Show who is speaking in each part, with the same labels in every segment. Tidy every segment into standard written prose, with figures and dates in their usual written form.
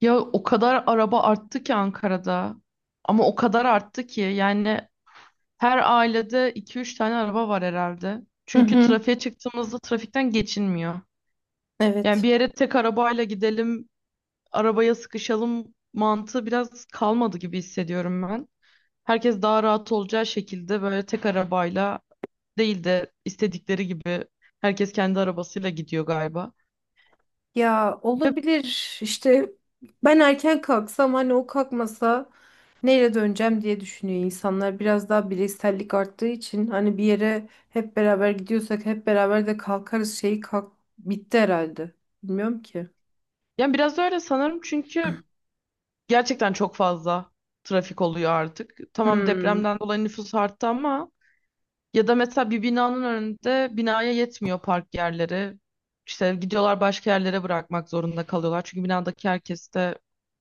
Speaker 1: Ya o kadar araba arttı ki Ankara'da. Ama o kadar arttı ki yani her ailede iki üç tane araba var herhalde.
Speaker 2: Hı
Speaker 1: Çünkü
Speaker 2: hı.
Speaker 1: trafiğe çıktığımızda trafikten geçilmiyor. Yani
Speaker 2: Evet.
Speaker 1: bir yere tek arabayla gidelim, arabaya sıkışalım mantığı biraz kalmadı gibi hissediyorum ben. Herkes daha rahat olacağı şekilde böyle tek arabayla değil de istedikleri gibi herkes kendi arabasıyla gidiyor galiba.
Speaker 2: Ya
Speaker 1: Ve
Speaker 2: olabilir işte ben erken kalksam hani o kalkmasa neyle döneceğim diye düşünüyor insanlar. Biraz daha bireysellik arttığı için hani bir yere hep beraber gidiyorsak hep beraber de kalkarız şeyi kalk bitti herhalde. Bilmiyorum ki.
Speaker 1: yani biraz öyle sanırım çünkü gerçekten çok fazla trafik oluyor artık. Tamam,
Speaker 2: Hmm.
Speaker 1: depremden dolayı nüfus arttı ama ya da mesela bir binanın önünde binaya yetmiyor park yerleri. İşte gidiyorlar, başka yerlere bırakmak zorunda kalıyorlar. Çünkü binadaki herkeste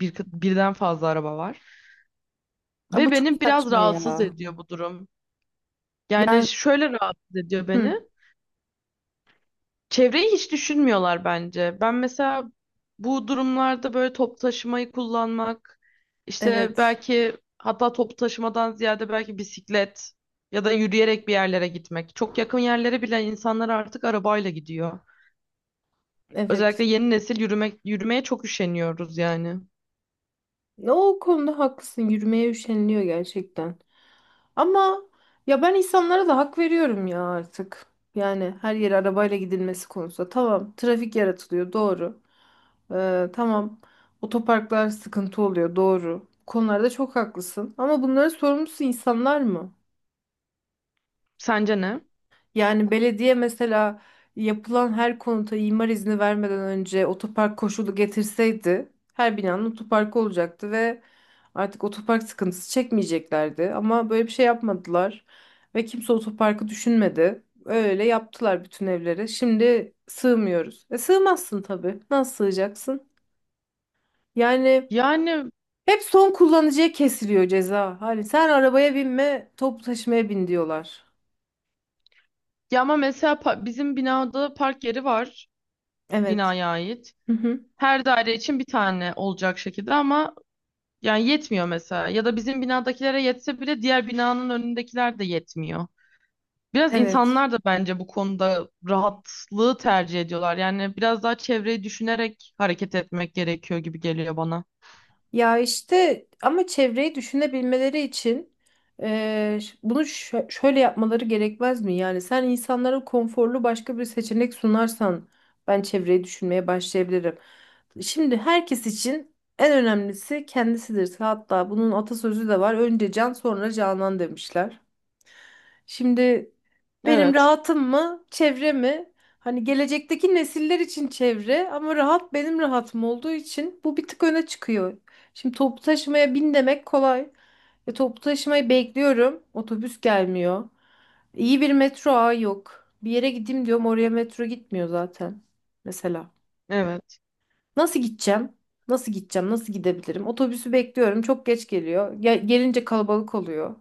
Speaker 1: birden fazla araba var.
Speaker 2: Aa,
Speaker 1: Ve
Speaker 2: bu çok
Speaker 1: beni biraz
Speaker 2: saçma
Speaker 1: rahatsız
Speaker 2: ya.
Speaker 1: ediyor bu durum. Yani
Speaker 2: Yani
Speaker 1: şöyle rahatsız ediyor
Speaker 2: hı.
Speaker 1: beni. Çevreyi hiç düşünmüyorlar bence. Ben mesela bu durumlarda böyle toplu taşımayı kullanmak, işte
Speaker 2: Evet.
Speaker 1: belki hatta toplu taşımadan ziyade belki bisiklet ya da yürüyerek bir yerlere gitmek. Çok yakın yerlere bile insanlar artık arabayla gidiyor. Özellikle
Speaker 2: Evet.
Speaker 1: yeni nesil yürümek, yürümeye çok üşeniyoruz yani.
Speaker 2: O konuda haklısın. Yürümeye üşeniliyor gerçekten. Ama ya ben insanlara da hak veriyorum ya artık. Yani her yere arabayla gidilmesi konusunda. Tamam, trafik yaratılıyor, doğru. Tamam, otoparklar sıkıntı oluyor, doğru. Bu konularda çok haklısın. Ama bunların sorumlusu insanlar mı?
Speaker 1: Sence ne?
Speaker 2: Yani belediye mesela yapılan her konuta imar izni vermeden önce otopark koşulu getirseydi her binanın otoparkı olacaktı ve artık otopark sıkıntısı çekmeyeceklerdi. Ama böyle bir şey yapmadılar ve kimse otoparkı düşünmedi. Öyle yaptılar bütün evlere. Şimdi sığmıyoruz. E sığmazsın tabii. Nasıl sığacaksın? Yani
Speaker 1: Yani
Speaker 2: hep son kullanıcıya kesiliyor ceza. Hani sen arabaya binme, toplu taşımaya bin diyorlar.
Speaker 1: ya ama mesela bizim binada park yeri var,
Speaker 2: Evet.
Speaker 1: binaya ait.
Speaker 2: Hı hı.
Speaker 1: Her daire için bir tane olacak şekilde ama yani yetmiyor mesela. Ya da bizim binadakilere yetse bile diğer binanın önündekiler de yetmiyor. Biraz
Speaker 2: Evet.
Speaker 1: insanlar da bence bu konuda rahatlığı tercih ediyorlar. Yani biraz daha çevreyi düşünerek hareket etmek gerekiyor gibi geliyor bana.
Speaker 2: Ya işte ama çevreyi düşünebilmeleri için bunu şöyle yapmaları gerekmez mi? Yani sen insanlara konforlu başka bir seçenek sunarsan ben çevreyi düşünmeye başlayabilirim. Şimdi herkes için en önemlisi kendisidir. Hatta bunun atasözü de var. Önce can sonra canan demişler. Şimdi benim
Speaker 1: Evet,
Speaker 2: rahatım mı, çevre mi? Hani gelecekteki nesiller için çevre ama rahat benim rahatım olduğu için bu bir tık öne çıkıyor. Şimdi toplu taşımaya bin demek kolay. Toplu taşımayı bekliyorum. Otobüs gelmiyor. İyi bir metro ağı yok. Bir yere gideyim diyorum oraya metro gitmiyor zaten. Mesela.
Speaker 1: evet.
Speaker 2: Nasıl gideceğim? Nasıl gideceğim? Nasıl gidebilirim? Otobüsü bekliyorum. Çok geç geliyor. Gelince kalabalık oluyor.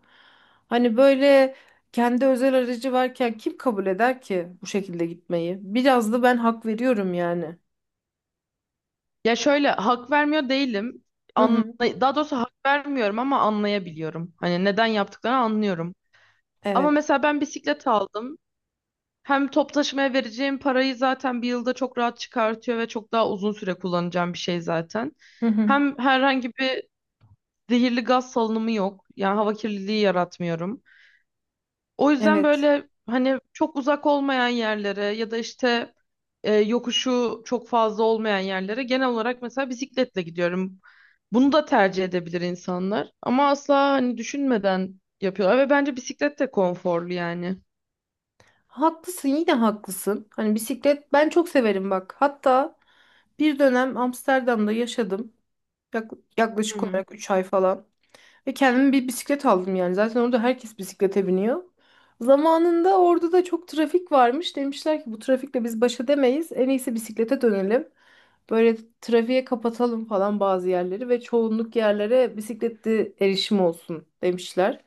Speaker 2: Hani böyle kendi özel aracı varken kim kabul eder ki bu şekilde gitmeyi? Biraz da ben hak veriyorum yani.
Speaker 1: Ya şöyle hak vermiyor değilim.
Speaker 2: Hı
Speaker 1: Anla
Speaker 2: hı.
Speaker 1: Daha doğrusu hak vermiyorum ama anlayabiliyorum. Hani neden yaptıklarını anlıyorum. Ama
Speaker 2: Evet.
Speaker 1: mesela ben bisiklet aldım. Hem top taşımaya vereceğim parayı zaten bir yılda çok rahat çıkartıyor ve çok daha uzun süre kullanacağım bir şey zaten.
Speaker 2: Hı hı.
Speaker 1: Hem herhangi bir zehirli gaz salınımı yok. Yani hava kirliliği yaratmıyorum. O yüzden
Speaker 2: Evet.
Speaker 1: böyle hani çok uzak olmayan yerlere ya da işte yokuşu çok fazla olmayan yerlere genel olarak mesela bisikletle gidiyorum. Bunu da tercih edebilir insanlar ama asla hani düşünmeden yapıyorlar ve bence bisiklet de konforlu yani.
Speaker 2: Haklısın, yine haklısın. Hani bisiklet ben çok severim bak. Hatta bir dönem Amsterdam'da yaşadım. Yak- Yaklaşık olarak 3 ay falan. Ve kendime bir bisiklet aldım yani. Zaten orada herkes bisiklete biniyor. Zamanında orada da çok trafik varmış. Demişler ki bu trafikle biz baş edemeyiz. En iyisi bisiklete dönelim. Böyle trafiğe kapatalım falan bazı yerleri ve çoğunluk yerlere bisikletli erişim olsun demişler.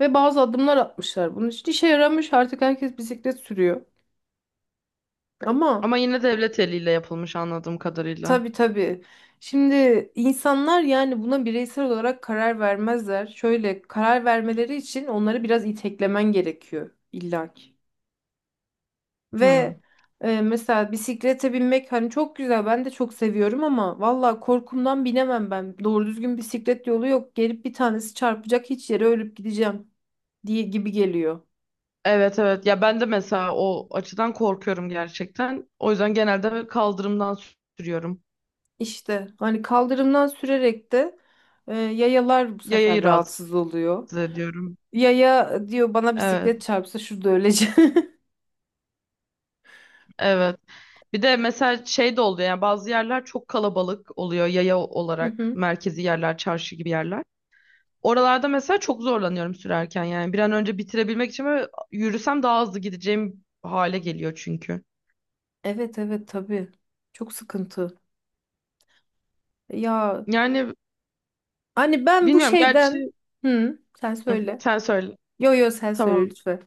Speaker 2: Ve bazı adımlar atmışlar. Bunun için işe yaramış. Artık herkes bisiklet sürüyor. Ama
Speaker 1: Ama yine devlet eliyle yapılmış anladığım kadarıyla.
Speaker 2: tabii tabii. Şimdi insanlar yani buna bireysel olarak karar vermezler. Şöyle karar vermeleri için onları biraz iteklemen gerekiyor illaki.
Speaker 1: Hmm.
Speaker 2: Ve mesela bisiklete binmek hani çok güzel ben de çok seviyorum ama valla korkumdan binemem ben. Doğru düzgün bisiklet yolu yok. Gelip bir tanesi çarpacak hiç yere ölüp gideceğim diye gibi geliyor.
Speaker 1: Evet, evet. Ya ben de mesela o açıdan korkuyorum gerçekten. O yüzden genelde kaldırımdan sürüyorum.
Speaker 2: İşte hani kaldırımdan sürerek de yayalar bu sefer
Speaker 1: Yayayı rahatsız
Speaker 2: rahatsız oluyor.
Speaker 1: ediyorum.
Speaker 2: Ya ya diyor bana bisiklet
Speaker 1: Evet.
Speaker 2: çarpsa şurada öleceğim.
Speaker 1: Evet. Bir de mesela şey de oluyor yani bazı yerler çok kalabalık oluyor yaya
Speaker 2: Hı
Speaker 1: olarak,
Speaker 2: hı.
Speaker 1: merkezi yerler, çarşı gibi yerler. Oralarda mesela çok zorlanıyorum sürerken yani bir an önce bitirebilmek için böyle yürüsem daha hızlı gideceğim hale geliyor çünkü.
Speaker 2: Evet evet tabii. Çok sıkıntı. Ya
Speaker 1: Yani
Speaker 2: hani ben bu
Speaker 1: bilmiyorum
Speaker 2: şeyden
Speaker 1: gerçi.
Speaker 2: hı sen
Speaker 1: Hı,
Speaker 2: söyle.
Speaker 1: sen söyle.
Speaker 2: Yo yo sen söyle
Speaker 1: Tamam.
Speaker 2: lütfen.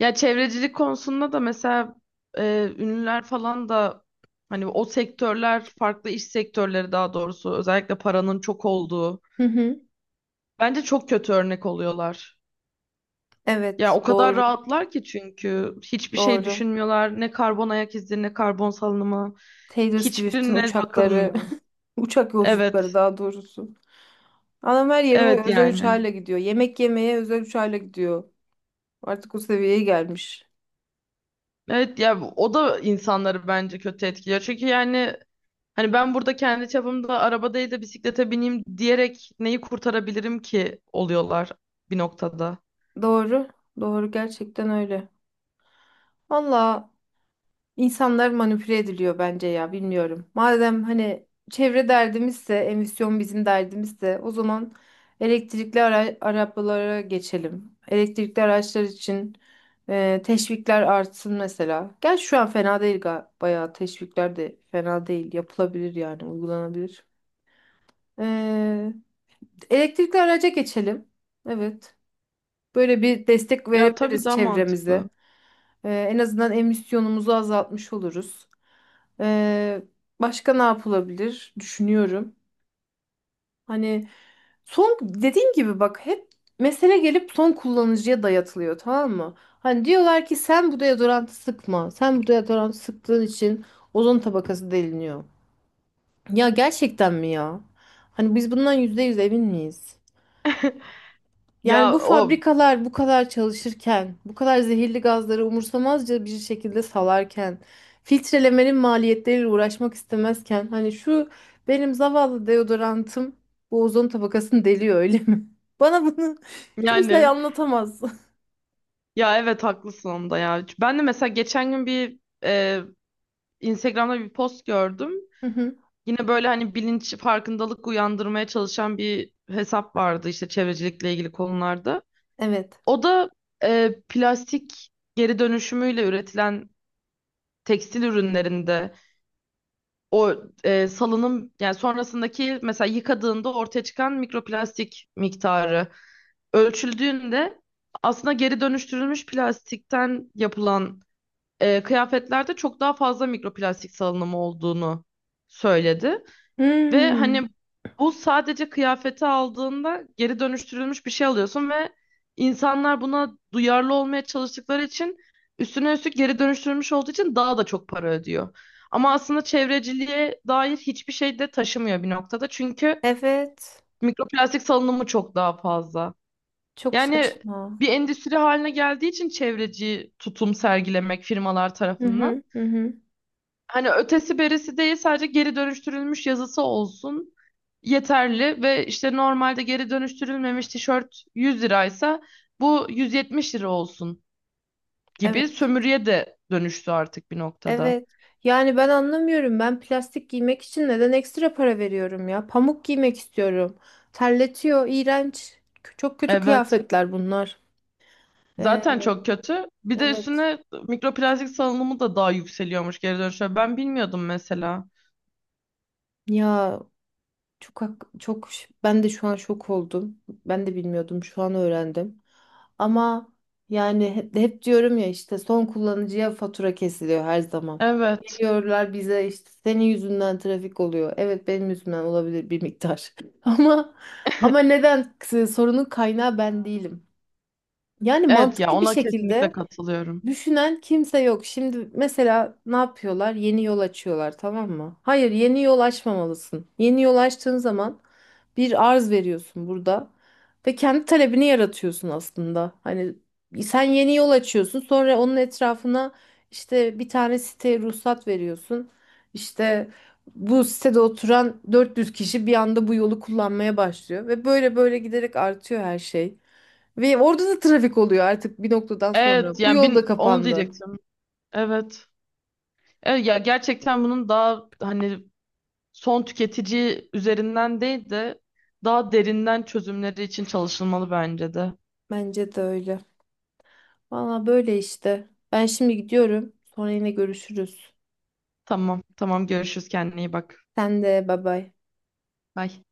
Speaker 1: Ya çevrecilik konusunda da mesela ünlüler falan da hani o sektörler, farklı iş sektörleri daha doğrusu, özellikle paranın çok olduğu
Speaker 2: Hı hı.
Speaker 1: bence çok kötü örnek oluyorlar. Ya
Speaker 2: Evet
Speaker 1: o kadar
Speaker 2: doğru
Speaker 1: rahatlar ki çünkü hiçbir şey
Speaker 2: doğru.
Speaker 1: düşünmüyorlar. Ne karbon ayak izi, ne karbon salınımı,
Speaker 2: Taylor Swift'in
Speaker 1: hiçbirine
Speaker 2: uçakları
Speaker 1: bakılmıyor.
Speaker 2: uçak yolculukları
Speaker 1: Evet.
Speaker 2: daha doğrusu. Adam her yere
Speaker 1: Evet
Speaker 2: o özel
Speaker 1: yani.
Speaker 2: uçağıyla gidiyor. Yemek yemeye özel uçağıyla gidiyor. Artık o seviyeye gelmiş.
Speaker 1: Evet ya o da insanları bence kötü etkiliyor. Çünkü yani hani ben burada kendi çapımda araba değil de bisiklete bineyim diyerek neyi kurtarabilirim ki oluyorlar bir noktada.
Speaker 2: Doğru. Doğru gerçekten öyle. Valla İnsanlar manipüle ediliyor bence ya bilmiyorum. Madem hani çevre derdimizse, emisyon bizim derdimizse o zaman elektrikli arabalara geçelim. Elektrikli araçlar için teşvikler artsın mesela. Gel şu an fena değil bayağı teşvikler de fena değil. Yapılabilir yani uygulanabilir. E, elektrikli araca geçelim. Evet. Böyle bir destek
Speaker 1: Ya tabii
Speaker 2: verebiliriz
Speaker 1: daha mantıklı.
Speaker 2: çevremize. En azından emisyonumuzu azaltmış oluruz. Ee, başka ne yapılabilir düşünüyorum. Hani son dediğim gibi bak hep mesele gelip son kullanıcıya dayatılıyor tamam mı? Hani diyorlar ki sen bu deodorantı sıkma. Sen bu deodorantı sıktığın için ozon tabakası deliniyor. Ya gerçekten mi ya? Hani biz bundan %100 emin miyiz? Yani
Speaker 1: Ya
Speaker 2: bu
Speaker 1: o
Speaker 2: fabrikalar bu kadar çalışırken, bu kadar zehirli gazları umursamazca bir şekilde salarken, filtrelemenin maliyetleriyle uğraşmak istemezken, hani şu benim zavallı deodorantım bu ozon tabakasını deliyor öyle mi? Bana bunu kimse
Speaker 1: Yani
Speaker 2: anlatamaz.
Speaker 1: ya evet haklısın onda ya. Ben de mesela geçen gün bir Instagram'da bir post gördüm.
Speaker 2: Hı hı,
Speaker 1: Yine böyle hani bilinç, farkındalık uyandırmaya çalışan bir hesap vardı işte çevrecilikle ilgili konularda.
Speaker 2: evet.
Speaker 1: O da plastik geri dönüşümüyle üretilen tekstil ürünlerinde o salınım, yani sonrasındaki mesela yıkadığında ortaya çıkan mikroplastik miktarı ölçüldüğünde aslında geri dönüştürülmüş plastikten yapılan kıyafetlerde çok daha fazla mikroplastik salınımı olduğunu söyledi. Ve hani
Speaker 2: Hmm,
Speaker 1: bu, sadece kıyafeti aldığında geri dönüştürülmüş bir şey alıyorsun ve insanlar buna duyarlı olmaya çalıştıkları için, üstüne üstlük geri dönüştürülmüş olduğu için daha da çok para ödüyor. Ama aslında çevreciliğe dair hiçbir şey de taşımıyor bir noktada. Çünkü
Speaker 2: evet.
Speaker 1: mikroplastik salınımı çok daha fazla.
Speaker 2: Çok
Speaker 1: Yani
Speaker 2: saçma.
Speaker 1: bir endüstri haline geldiği için çevreci tutum sergilemek firmalar
Speaker 2: Hı
Speaker 1: tarafından,
Speaker 2: hı, hı hı.
Speaker 1: hani ötesi berisi değil, sadece geri dönüştürülmüş yazısı olsun yeterli ve işte normalde geri dönüştürülmemiş tişört 100 liraysa bu 170 lira olsun gibi
Speaker 2: Evet.
Speaker 1: sömürüye de dönüştü artık bir noktada.
Speaker 2: Evet. Yani ben anlamıyorum. Ben plastik giymek için neden ekstra para veriyorum ya? Pamuk giymek istiyorum. Terletiyor, iğrenç. Çok kötü
Speaker 1: Evet.
Speaker 2: kıyafetler bunlar. Ee,
Speaker 1: Zaten çok kötü. Bir de
Speaker 2: evet.
Speaker 1: üstüne mikroplastik salınımı da daha yükseliyormuş geri dönüşe. Ben bilmiyordum mesela.
Speaker 2: Ya Çok hak- çok ş- ben de şu an şok oldum. Ben de bilmiyordum. Şu an öğrendim. Ama yani hep diyorum ya işte son kullanıcıya fatura kesiliyor her zaman.
Speaker 1: Evet.
Speaker 2: Geliyorlar bize işte senin yüzünden trafik oluyor. Evet benim yüzümden olabilir bir miktar. Ama ama neden sorunun kaynağı ben değilim. Yani
Speaker 1: Evet ya
Speaker 2: mantıklı bir
Speaker 1: ona kesinlikle
Speaker 2: şekilde
Speaker 1: katılıyorum.
Speaker 2: düşünen kimse yok. Şimdi mesela ne yapıyorlar? Yeni yol açıyorlar, tamam mı? Hayır, yeni yol açmamalısın. Yeni yol açtığın zaman bir arz veriyorsun burada ve kendi talebini yaratıyorsun aslında. Hani sen yeni yol açıyorsun, sonra onun etrafına işte bir tane siteye ruhsat veriyorsun. İşte bu sitede oturan 400 kişi bir anda bu yolu kullanmaya başlıyor ve böyle böyle giderek artıyor her şey. Ve orada da trafik oluyor artık bir noktadan sonra. Bu yol da
Speaker 1: Onu
Speaker 2: kapandı.
Speaker 1: diyecektim. Evet. Evet ya gerçekten bunun daha hani son tüketici üzerinden değil de daha derinden çözümleri için çalışılmalı bence de.
Speaker 2: Bence de öyle. Valla böyle işte. Ben şimdi gidiyorum. Sonra yine görüşürüz.
Speaker 1: Tamam, tamam, görüşürüz, kendine iyi bak.
Speaker 2: Sen de bay bay.
Speaker 1: Bye.